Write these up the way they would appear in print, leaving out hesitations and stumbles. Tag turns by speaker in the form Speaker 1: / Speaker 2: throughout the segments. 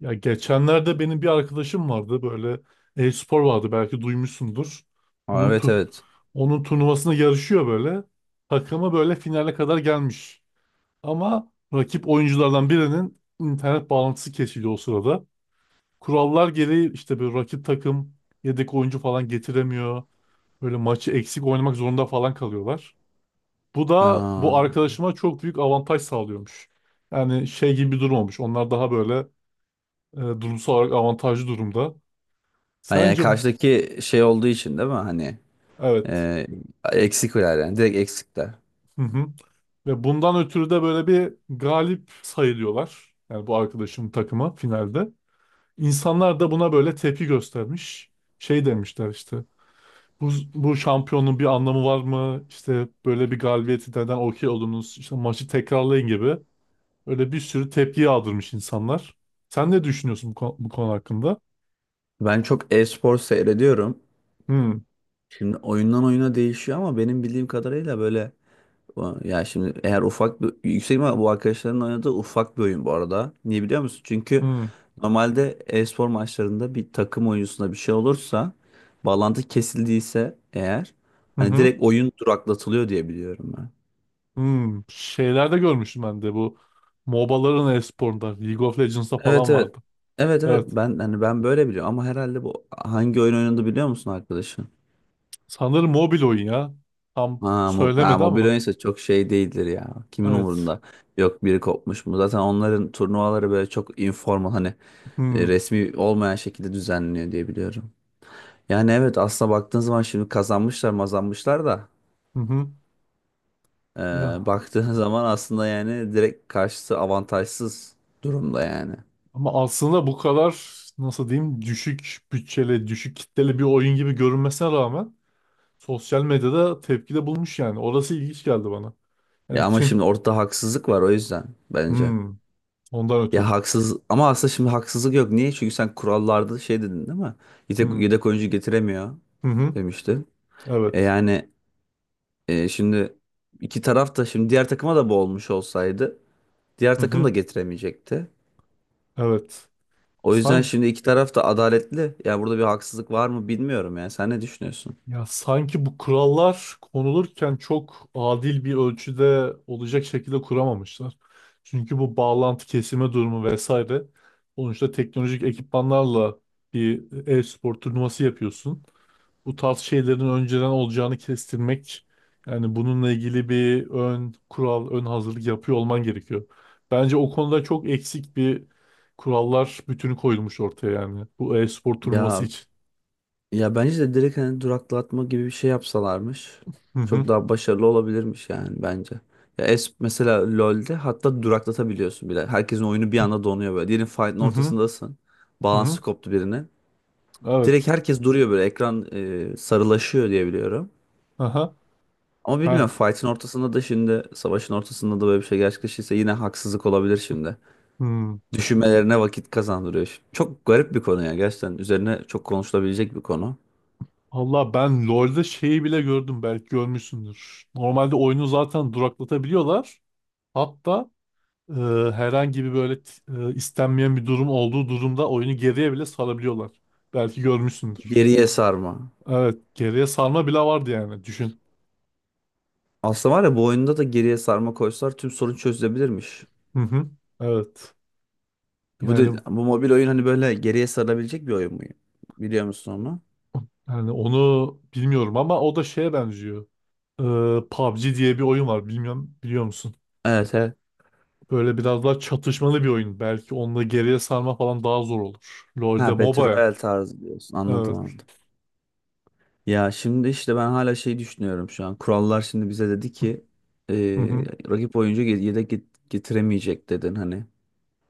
Speaker 1: Ya geçenlerde benim bir arkadaşım vardı, böyle e-spor vardı, belki duymuşsundur.
Speaker 2: Aa,
Speaker 1: Onun
Speaker 2: evet,
Speaker 1: tu
Speaker 2: evet.
Speaker 1: onun turnuvasına yarışıyor böyle. Takımı böyle finale kadar gelmiş. Ama rakip oyunculardan birinin internet bağlantısı kesildi o sırada. Kurallar gereği işte bir rakip takım yedek oyuncu falan getiremiyor. Böyle maçı eksik oynamak zorunda falan kalıyorlar. Bu da
Speaker 2: Aa,
Speaker 1: bu arkadaşıma çok büyük avantaj sağlıyormuş. Yani şey gibi bir durum olmuş. Onlar daha böyle durumsal olarak avantajlı durumda.
Speaker 2: ha, yani
Speaker 1: Sence
Speaker 2: karşıdaki şey olduğu için değil mi? Hani
Speaker 1: evet.
Speaker 2: e, eksikler yani. Direkt eksikler.
Speaker 1: Hı hı. Ve bundan ötürü de böyle bir galip sayılıyorlar. Yani bu arkadaşımın takımı finalde. İnsanlar da buna böyle tepki göstermiş. Şey demişler işte. Bu, bu şampiyonun bir anlamı var mı? İşte böyle bir galibiyeti neden okey oldunuz? İşte maçı tekrarlayın gibi. Öyle bir sürü tepki yağdırmış insanlar. Sen ne düşünüyorsun bu konu, bu konu hakkında?
Speaker 2: Ben çok e-spor seyrediyorum.
Speaker 1: Hı
Speaker 2: Şimdi oyundan oyuna değişiyor ama benim bildiğim kadarıyla böyle ya şimdi eğer ufak bir yüksek ihtimal bu arkadaşların oynadığı ufak bir oyun bu arada. Niye biliyor musun? Çünkü
Speaker 1: hı,
Speaker 2: normalde e-spor maçlarında bir takım oyuncusunda bir şey olursa bağlantı kesildiyse eğer
Speaker 1: hı
Speaker 2: hani
Speaker 1: hı.
Speaker 2: direkt oyun duraklatılıyor diye biliyorum.
Speaker 1: Hmm, şeylerde görmüştüm ben de bu MOBA'ların e-sporunda League of Legends'da
Speaker 2: Evet,
Speaker 1: falan
Speaker 2: evet.
Speaker 1: vardı.
Speaker 2: Evet, evet
Speaker 1: Evet.
Speaker 2: ben hani ben böyle biliyorum ama herhalde bu hangi oyun oynadı biliyor musun arkadaşın?
Speaker 1: Sanırım mobil oyun ya. Tam
Speaker 2: Ha, mob ha,
Speaker 1: söylemedi
Speaker 2: mobil
Speaker 1: ama.
Speaker 2: oyunsa çok şey değildir ya. Kimin
Speaker 1: Evet.
Speaker 2: umurunda? Yok biri kopmuş mu? Zaten onların turnuvaları böyle çok informal hani
Speaker 1: Hmm.
Speaker 2: resmi olmayan şekilde düzenleniyor diye biliyorum. Yani evet aslında baktığın zaman şimdi kazanmışlar mazanmışlar da
Speaker 1: Hı hı.
Speaker 2: e,
Speaker 1: Ya
Speaker 2: baktığın zaman aslında yani direkt karşısı avantajsız durumda yani.
Speaker 1: ama aslında bu kadar, nasıl diyeyim, düşük bütçeli, düşük kitleli bir oyun gibi görünmesine rağmen sosyal medyada tepkide bulmuş yani. Orası ilginç geldi bana.
Speaker 2: Ya
Speaker 1: Yani
Speaker 2: ama
Speaker 1: kim?
Speaker 2: şimdi ortada haksızlık var o yüzden bence.
Speaker 1: Hmm. Ondan
Speaker 2: Ya
Speaker 1: ötürü.
Speaker 2: haksız ama aslında şimdi haksızlık yok. Niye? Çünkü sen kurallarda şey dedin değil mi? Yedek,
Speaker 1: Hmm.
Speaker 2: yedek oyuncu getiremiyor
Speaker 1: Hı hı.
Speaker 2: demiştin. E
Speaker 1: Evet.
Speaker 2: yani şimdi iki taraf da şimdi diğer takıma da bu olmuş olsaydı diğer
Speaker 1: Hı
Speaker 2: takım da
Speaker 1: hı.
Speaker 2: getiremeyecekti.
Speaker 1: Evet.
Speaker 2: O yüzden
Speaker 1: Sanki
Speaker 2: şimdi iki taraf da adaletli. Ya burada bir haksızlık var mı bilmiyorum ya. Sen ne düşünüyorsun?
Speaker 1: ya sanki bu kurallar konulurken çok adil bir ölçüde olacak şekilde kuramamışlar. Çünkü bu bağlantı kesime durumu vesaire, sonuçta teknolojik ekipmanlarla bir e-spor turnuvası yapıyorsun. Bu tarz şeylerin önceden olacağını kestirmek, yani bununla ilgili bir ön kural, ön hazırlık yapıyor olman gerekiyor. Bence o konuda çok eksik bir kurallar bütünü koyulmuş ortaya yani bu e-spor turnuvası
Speaker 2: Ya
Speaker 1: için.
Speaker 2: Ya bence de direkt hani duraklatma gibi bir şey yapsalarmış.
Speaker 1: Hı hı.
Speaker 2: Çok daha başarılı olabilirmiş yani bence. Ya es mesela LoL'de hatta duraklatabiliyorsun bile. Herkesin oyunu bir anda donuyor böyle. Diyelim fight'ın
Speaker 1: Hı hı.
Speaker 2: ortasındasın.
Speaker 1: Hı hı.
Speaker 2: Balansı koptu birine. Direkt
Speaker 1: Evet.
Speaker 2: herkes duruyor böyle. Ekran sarılaşıyor diye biliyorum.
Speaker 1: Aha.
Speaker 2: Ama
Speaker 1: Ben.
Speaker 2: bilmiyorum fight'ın ortasında da şimdi savaşın ortasında da böyle bir şey gerçekleşirse yine haksızlık olabilir şimdi.
Speaker 1: Hmm.
Speaker 2: Düşünmelerine vakit kazandırıyor. Çok garip bir konu ya gerçekten. Üzerine çok konuşulabilecek bir konu.
Speaker 1: Allah, ben LoL'de şeyi bile gördüm, belki görmüşsündür. Normalde oyunu zaten duraklatabiliyorlar. Hatta e, herhangi bir böyle istenmeyen bir durum olduğu durumda oyunu geriye bile sarabiliyorlar. Belki görmüşsündür.
Speaker 2: Geriye sarma.
Speaker 1: Evet, geriye sarma bile vardı yani düşün.
Speaker 2: Aslında var ya bu oyunda da geriye sarma koysalar tüm sorun çözülebilirmiş.
Speaker 1: Hı hı. Evet.
Speaker 2: Bu de,
Speaker 1: Yani
Speaker 2: bu mobil oyun hani böyle geriye sarılabilecek bir oyun mu? Biliyor musun onu?
Speaker 1: yani onu bilmiyorum ama o da şeye benziyor. E, PUBG diye bir oyun var. Bilmiyorum, biliyor musun?
Speaker 2: Evet, evet.
Speaker 1: Böyle biraz daha çatışmalı bir oyun. Belki onunla geriye sarma falan daha zor olur. LoL'de
Speaker 2: Ha, Battle
Speaker 1: MOBA'ya.
Speaker 2: Royale tarzı diyorsun. Anladım,
Speaker 1: Evet.
Speaker 2: anladım. Ya şimdi işte ben hala şey düşünüyorum şu an. Kurallar şimdi bize dedi ki e,
Speaker 1: Hı hı.
Speaker 2: rakip oyuncu yedek getiremeyecek dedin hani.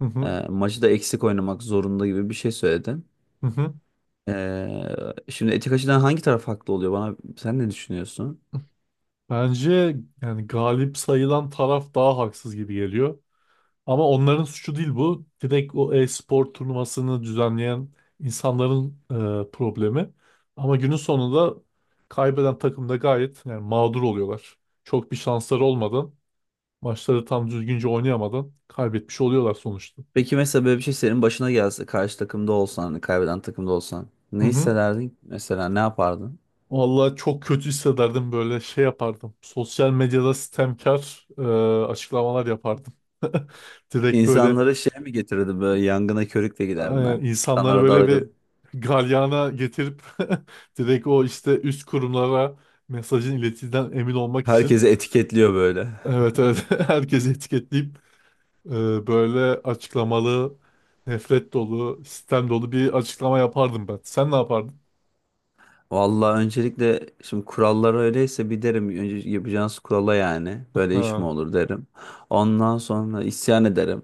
Speaker 1: Hı hı.
Speaker 2: Maçı da eksik oynamak zorunda gibi bir şey söyledin.
Speaker 1: Hı hı.
Speaker 2: Şimdi etik açıdan hangi taraf haklı oluyor bana? Sen ne düşünüyorsun?
Speaker 1: Bence yani galip sayılan taraf daha haksız gibi geliyor. Ama onların suçu değil bu. Direkt o e-spor turnuvasını düzenleyen insanların problemi. Ama günün sonunda kaybeden takım da gayet yani mağdur oluyorlar. Çok bir şansları olmadan, maçları tam düzgünce oynayamadan kaybetmiş oluyorlar sonuçta.
Speaker 2: Peki mesela böyle bir şey senin başına gelse karşı takımda olsan hani kaybeden takımda olsan
Speaker 1: Hı
Speaker 2: ne
Speaker 1: hı.
Speaker 2: hissederdin? Mesela ne yapardın?
Speaker 1: Vallahi çok kötü hissederdim, böyle şey yapardım. Sosyal medyada sistemkar açıklamalar yapardım. Direkt böyle
Speaker 2: İnsanlara şey mi getirirdin böyle yangına körükle giderdin ha?
Speaker 1: insanları
Speaker 2: İnsanlara
Speaker 1: böyle bir
Speaker 2: dalgın.
Speaker 1: galyana getirip direkt o işte üst kurumlara mesajın iletildiğinden emin olmak için
Speaker 2: Herkesi etiketliyor böyle.
Speaker 1: evet evet herkesi etiketleyip e, böyle açıklamalı nefret dolu sistem dolu bir açıklama yapardım ben. Sen ne yapardın?
Speaker 2: Vallahi öncelikle şimdi kurallar öyleyse bir derim önce yapacağınız kurala yani böyle iş mi
Speaker 1: Ha.
Speaker 2: olur derim. Ondan sonra isyan ederim.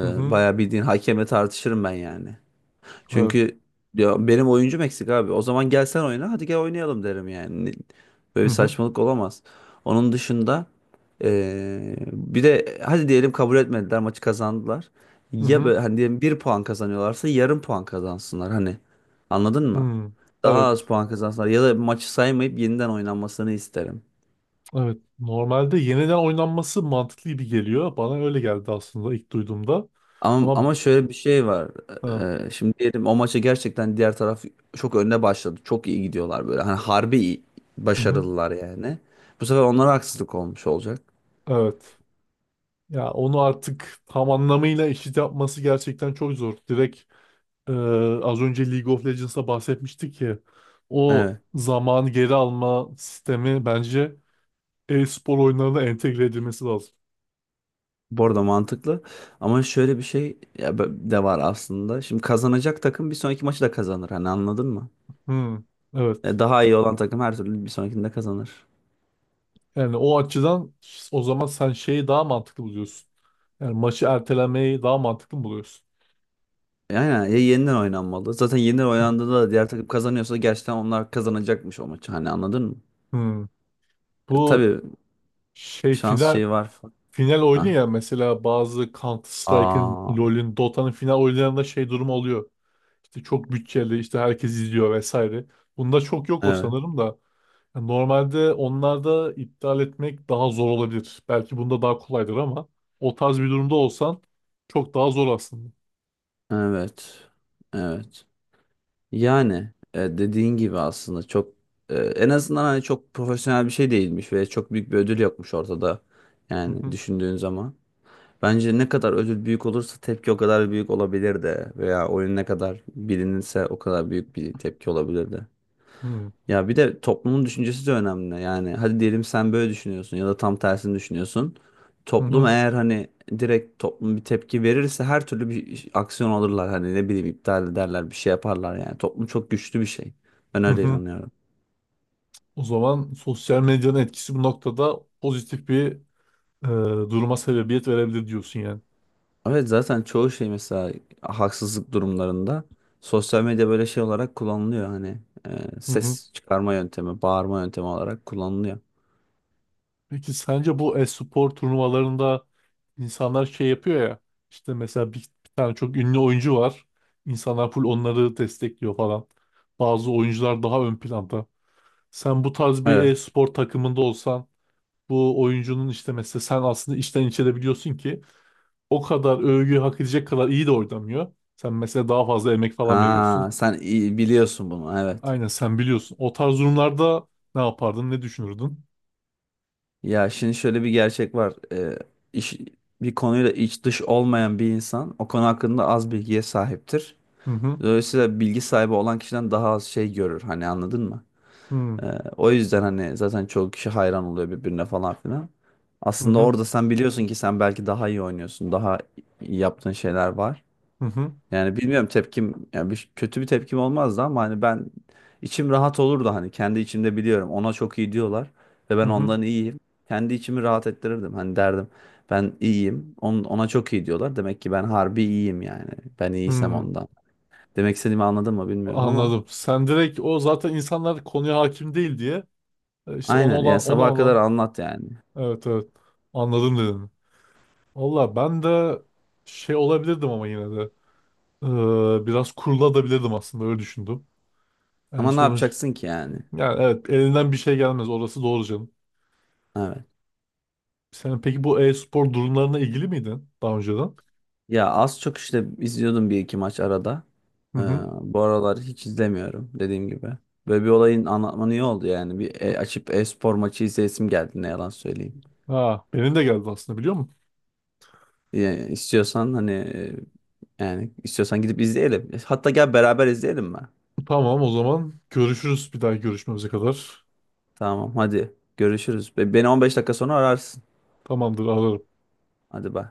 Speaker 1: Hı hı.
Speaker 2: bayağı bildiğin hakemle tartışırım ben yani.
Speaker 1: Evet.
Speaker 2: Çünkü ya benim oyuncum eksik abi. O zaman gel sen oyna. Hadi gel oynayalım derim yani. Böyle
Speaker 1: Hı
Speaker 2: bir
Speaker 1: hı.
Speaker 2: saçmalık olamaz. Onun dışında bir de hadi diyelim kabul etmediler maçı kazandılar.
Speaker 1: Hı
Speaker 2: Ya böyle
Speaker 1: hı.
Speaker 2: hani diyelim bir puan kazanıyorlarsa yarım puan kazansınlar hani. Anladın mı?
Speaker 1: Hı.
Speaker 2: Daha az
Speaker 1: Evet.
Speaker 2: puan kazansınlar ya da maçı saymayıp yeniden oynanmasını isterim.
Speaker 1: Evet, normalde yeniden oynanması mantıklı gibi geliyor. Bana öyle geldi aslında ilk duyduğumda.
Speaker 2: Ama,
Speaker 1: Ama
Speaker 2: ama şöyle bir şey var.
Speaker 1: ha,
Speaker 2: Şimdi diyelim o maça gerçekten diğer taraf çok önde başladı. Çok iyi gidiyorlar böyle. Hani harbi iyi,
Speaker 1: hı hı,
Speaker 2: başarılılar yani. Bu sefer onlara haksızlık olmuş olacak.
Speaker 1: evet. Ya onu artık tam anlamıyla eşit yapması gerçekten çok zor. Direkt e, az önce League of Legends'a bahsetmiştik ki o
Speaker 2: Evet.
Speaker 1: zamanı geri alma sistemi bence e-spor oyunlarına entegre edilmesi lazım.
Speaker 2: Bu arada mantıklı. Ama şöyle bir şey ya de var aslında. Şimdi kazanacak takım bir sonraki maçı da kazanır. Hani anladın mı?
Speaker 1: Hı,
Speaker 2: Ya
Speaker 1: evet.
Speaker 2: daha iyi olan takım her türlü bir sonrakinde kazanır.
Speaker 1: Yani o açıdan o zaman sen şeyi daha mantıklı buluyorsun. Yani maçı ertelemeyi daha mantıklı mı buluyorsun.
Speaker 2: Yani ya yeniden oynanmalı. Zaten yeniden oynandığında da diğer takım kazanıyorsa gerçekten onlar kazanacakmış o maçı. Hani anladın mı?
Speaker 1: Hı.
Speaker 2: E,
Speaker 1: Bu
Speaker 2: tabii
Speaker 1: şey
Speaker 2: şans
Speaker 1: final
Speaker 2: şeyi var.
Speaker 1: final oyunu
Speaker 2: Ha.
Speaker 1: ya, mesela bazı Counter-Strike'ın,
Speaker 2: Aa,
Speaker 1: LoL'ün, Dota'nın final oyunlarında şey durum oluyor. İşte çok bütçeli, işte herkes izliyor vesaire. Bunda çok yok o
Speaker 2: evet,
Speaker 1: sanırım da. Yani normalde onlarda iptal etmek daha zor olabilir. Belki bunda daha kolaydır ama o tarz bir durumda olsan çok daha zor aslında.
Speaker 2: evet, evet. Yani dediğin gibi aslında çok en azından hani çok profesyonel bir şey değilmiş ve çok büyük bir ödül yokmuş ortada.
Speaker 1: Hı
Speaker 2: Yani
Speaker 1: hı,
Speaker 2: düşündüğün zaman. Bence ne kadar ödül büyük olursa tepki o kadar büyük olabilir de veya oyun ne kadar bilinirse o kadar büyük bir tepki olabilir de.
Speaker 1: hı
Speaker 2: Ya bir de toplumun düşüncesi de önemli. Yani hadi diyelim sen böyle düşünüyorsun ya da tam tersini düşünüyorsun. Toplum
Speaker 1: hı,
Speaker 2: eğer hani direkt toplum bir tepki verirse her türlü bir aksiyon alırlar. Hani ne bileyim iptal ederler bir şey yaparlar yani. Toplum çok güçlü bir şey. Ben
Speaker 1: hı
Speaker 2: öyle
Speaker 1: hı.
Speaker 2: inanıyorum.
Speaker 1: O zaman sosyal medyanın etkisi bu noktada pozitif bir e, duruma sebebiyet verebilir diyorsun yani.
Speaker 2: Evet zaten çoğu şey mesela haksızlık durumlarında sosyal medya böyle şey olarak kullanılıyor. Hani
Speaker 1: Hı hı.
Speaker 2: ses çıkarma yöntemi, bağırma yöntemi olarak kullanılıyor.
Speaker 1: Peki sence bu e-spor turnuvalarında insanlar şey yapıyor ya, işte mesela bir, bir tane çok ünlü oyuncu var. İnsanlar full onları destekliyor falan. Bazı oyuncular daha ön planda. Sen bu tarz bir
Speaker 2: Evet.
Speaker 1: e-spor takımında olsan bu oyuncunun işte mesela sen aslında içten içe de biliyorsun ki o kadar övgü hak edecek kadar iyi de oynamıyor. Sen mesela daha fazla emek falan
Speaker 2: Ha,
Speaker 1: veriyorsun.
Speaker 2: sen iyi biliyorsun bunu. Evet.
Speaker 1: Aynen sen biliyorsun. O tarz durumlarda ne yapardın, ne düşünürdün?
Speaker 2: Ya şimdi şöyle bir gerçek var. İş, bir konuyla iç dış olmayan bir insan o konu hakkında az bilgiye sahiptir.
Speaker 1: Hı hı.
Speaker 2: Dolayısıyla bilgi sahibi olan kişiden daha az şey görür. Hani anladın mı?
Speaker 1: Hı hı.
Speaker 2: Ee, o yüzden hani zaten çoğu kişi hayran oluyor birbirine falan filan.
Speaker 1: Hı
Speaker 2: Aslında
Speaker 1: hı.
Speaker 2: orada sen biliyorsun ki sen belki daha iyi oynuyorsun. Daha iyi yaptığın şeyler var. Yani bilmiyorum tepkim yani kötü bir tepkim olmazdı ama hani ben içim rahat olurdu hani kendi içimde biliyorum ona çok iyi diyorlar ve
Speaker 1: Hı
Speaker 2: ben
Speaker 1: hı.
Speaker 2: ondan iyiyim. Kendi içimi rahat ettirirdim hani derdim ben iyiyim ona çok iyi diyorlar demek ki ben harbi iyiyim yani ben
Speaker 1: Hı
Speaker 2: iyiysem
Speaker 1: hı.
Speaker 2: ondan. Demek istediğimi anladın mı bilmiyorum ama
Speaker 1: Anladım. Sen direkt o zaten insanlar konuya hakim değil diye işte ona
Speaker 2: aynen yani
Speaker 1: olan ona
Speaker 2: sabaha kadar
Speaker 1: olan
Speaker 2: anlat yani
Speaker 1: evet evet anladım dedin. Valla ben de şey olabilirdim ama yine de biraz kuruladabilirdim aslında, öyle düşündüm. En
Speaker 2: ama ne
Speaker 1: sonuç
Speaker 2: yapacaksın ki yani
Speaker 1: yani evet, elinden bir şey gelmez, orası doğru canım.
Speaker 2: evet.
Speaker 1: Sen peki bu e-spor durumlarına ilgili miydin daha önceden?
Speaker 2: Ya az çok işte izliyordum bir iki maç arada.
Speaker 1: Hı
Speaker 2: Ee,
Speaker 1: hı.
Speaker 2: bu aralar hiç izlemiyorum dediğim gibi. Böyle bir olayın anlatmanı iyi oldu yani. Bir açıp e-spor maçı izleyesim geldi ne yalan söyleyeyim.
Speaker 1: Ha, benim de geldi aslında, biliyor musun?
Speaker 2: Yani istiyorsan hani yani istiyorsan gidip izleyelim. Hatta gel beraber izleyelim mi?
Speaker 1: Tamam, o zaman görüşürüz bir daha görüşmemize kadar.
Speaker 2: Tamam hadi görüşürüz. Beni 15 dakika sonra ararsın.
Speaker 1: Tamamdır, ararım.
Speaker 2: Hadi bay.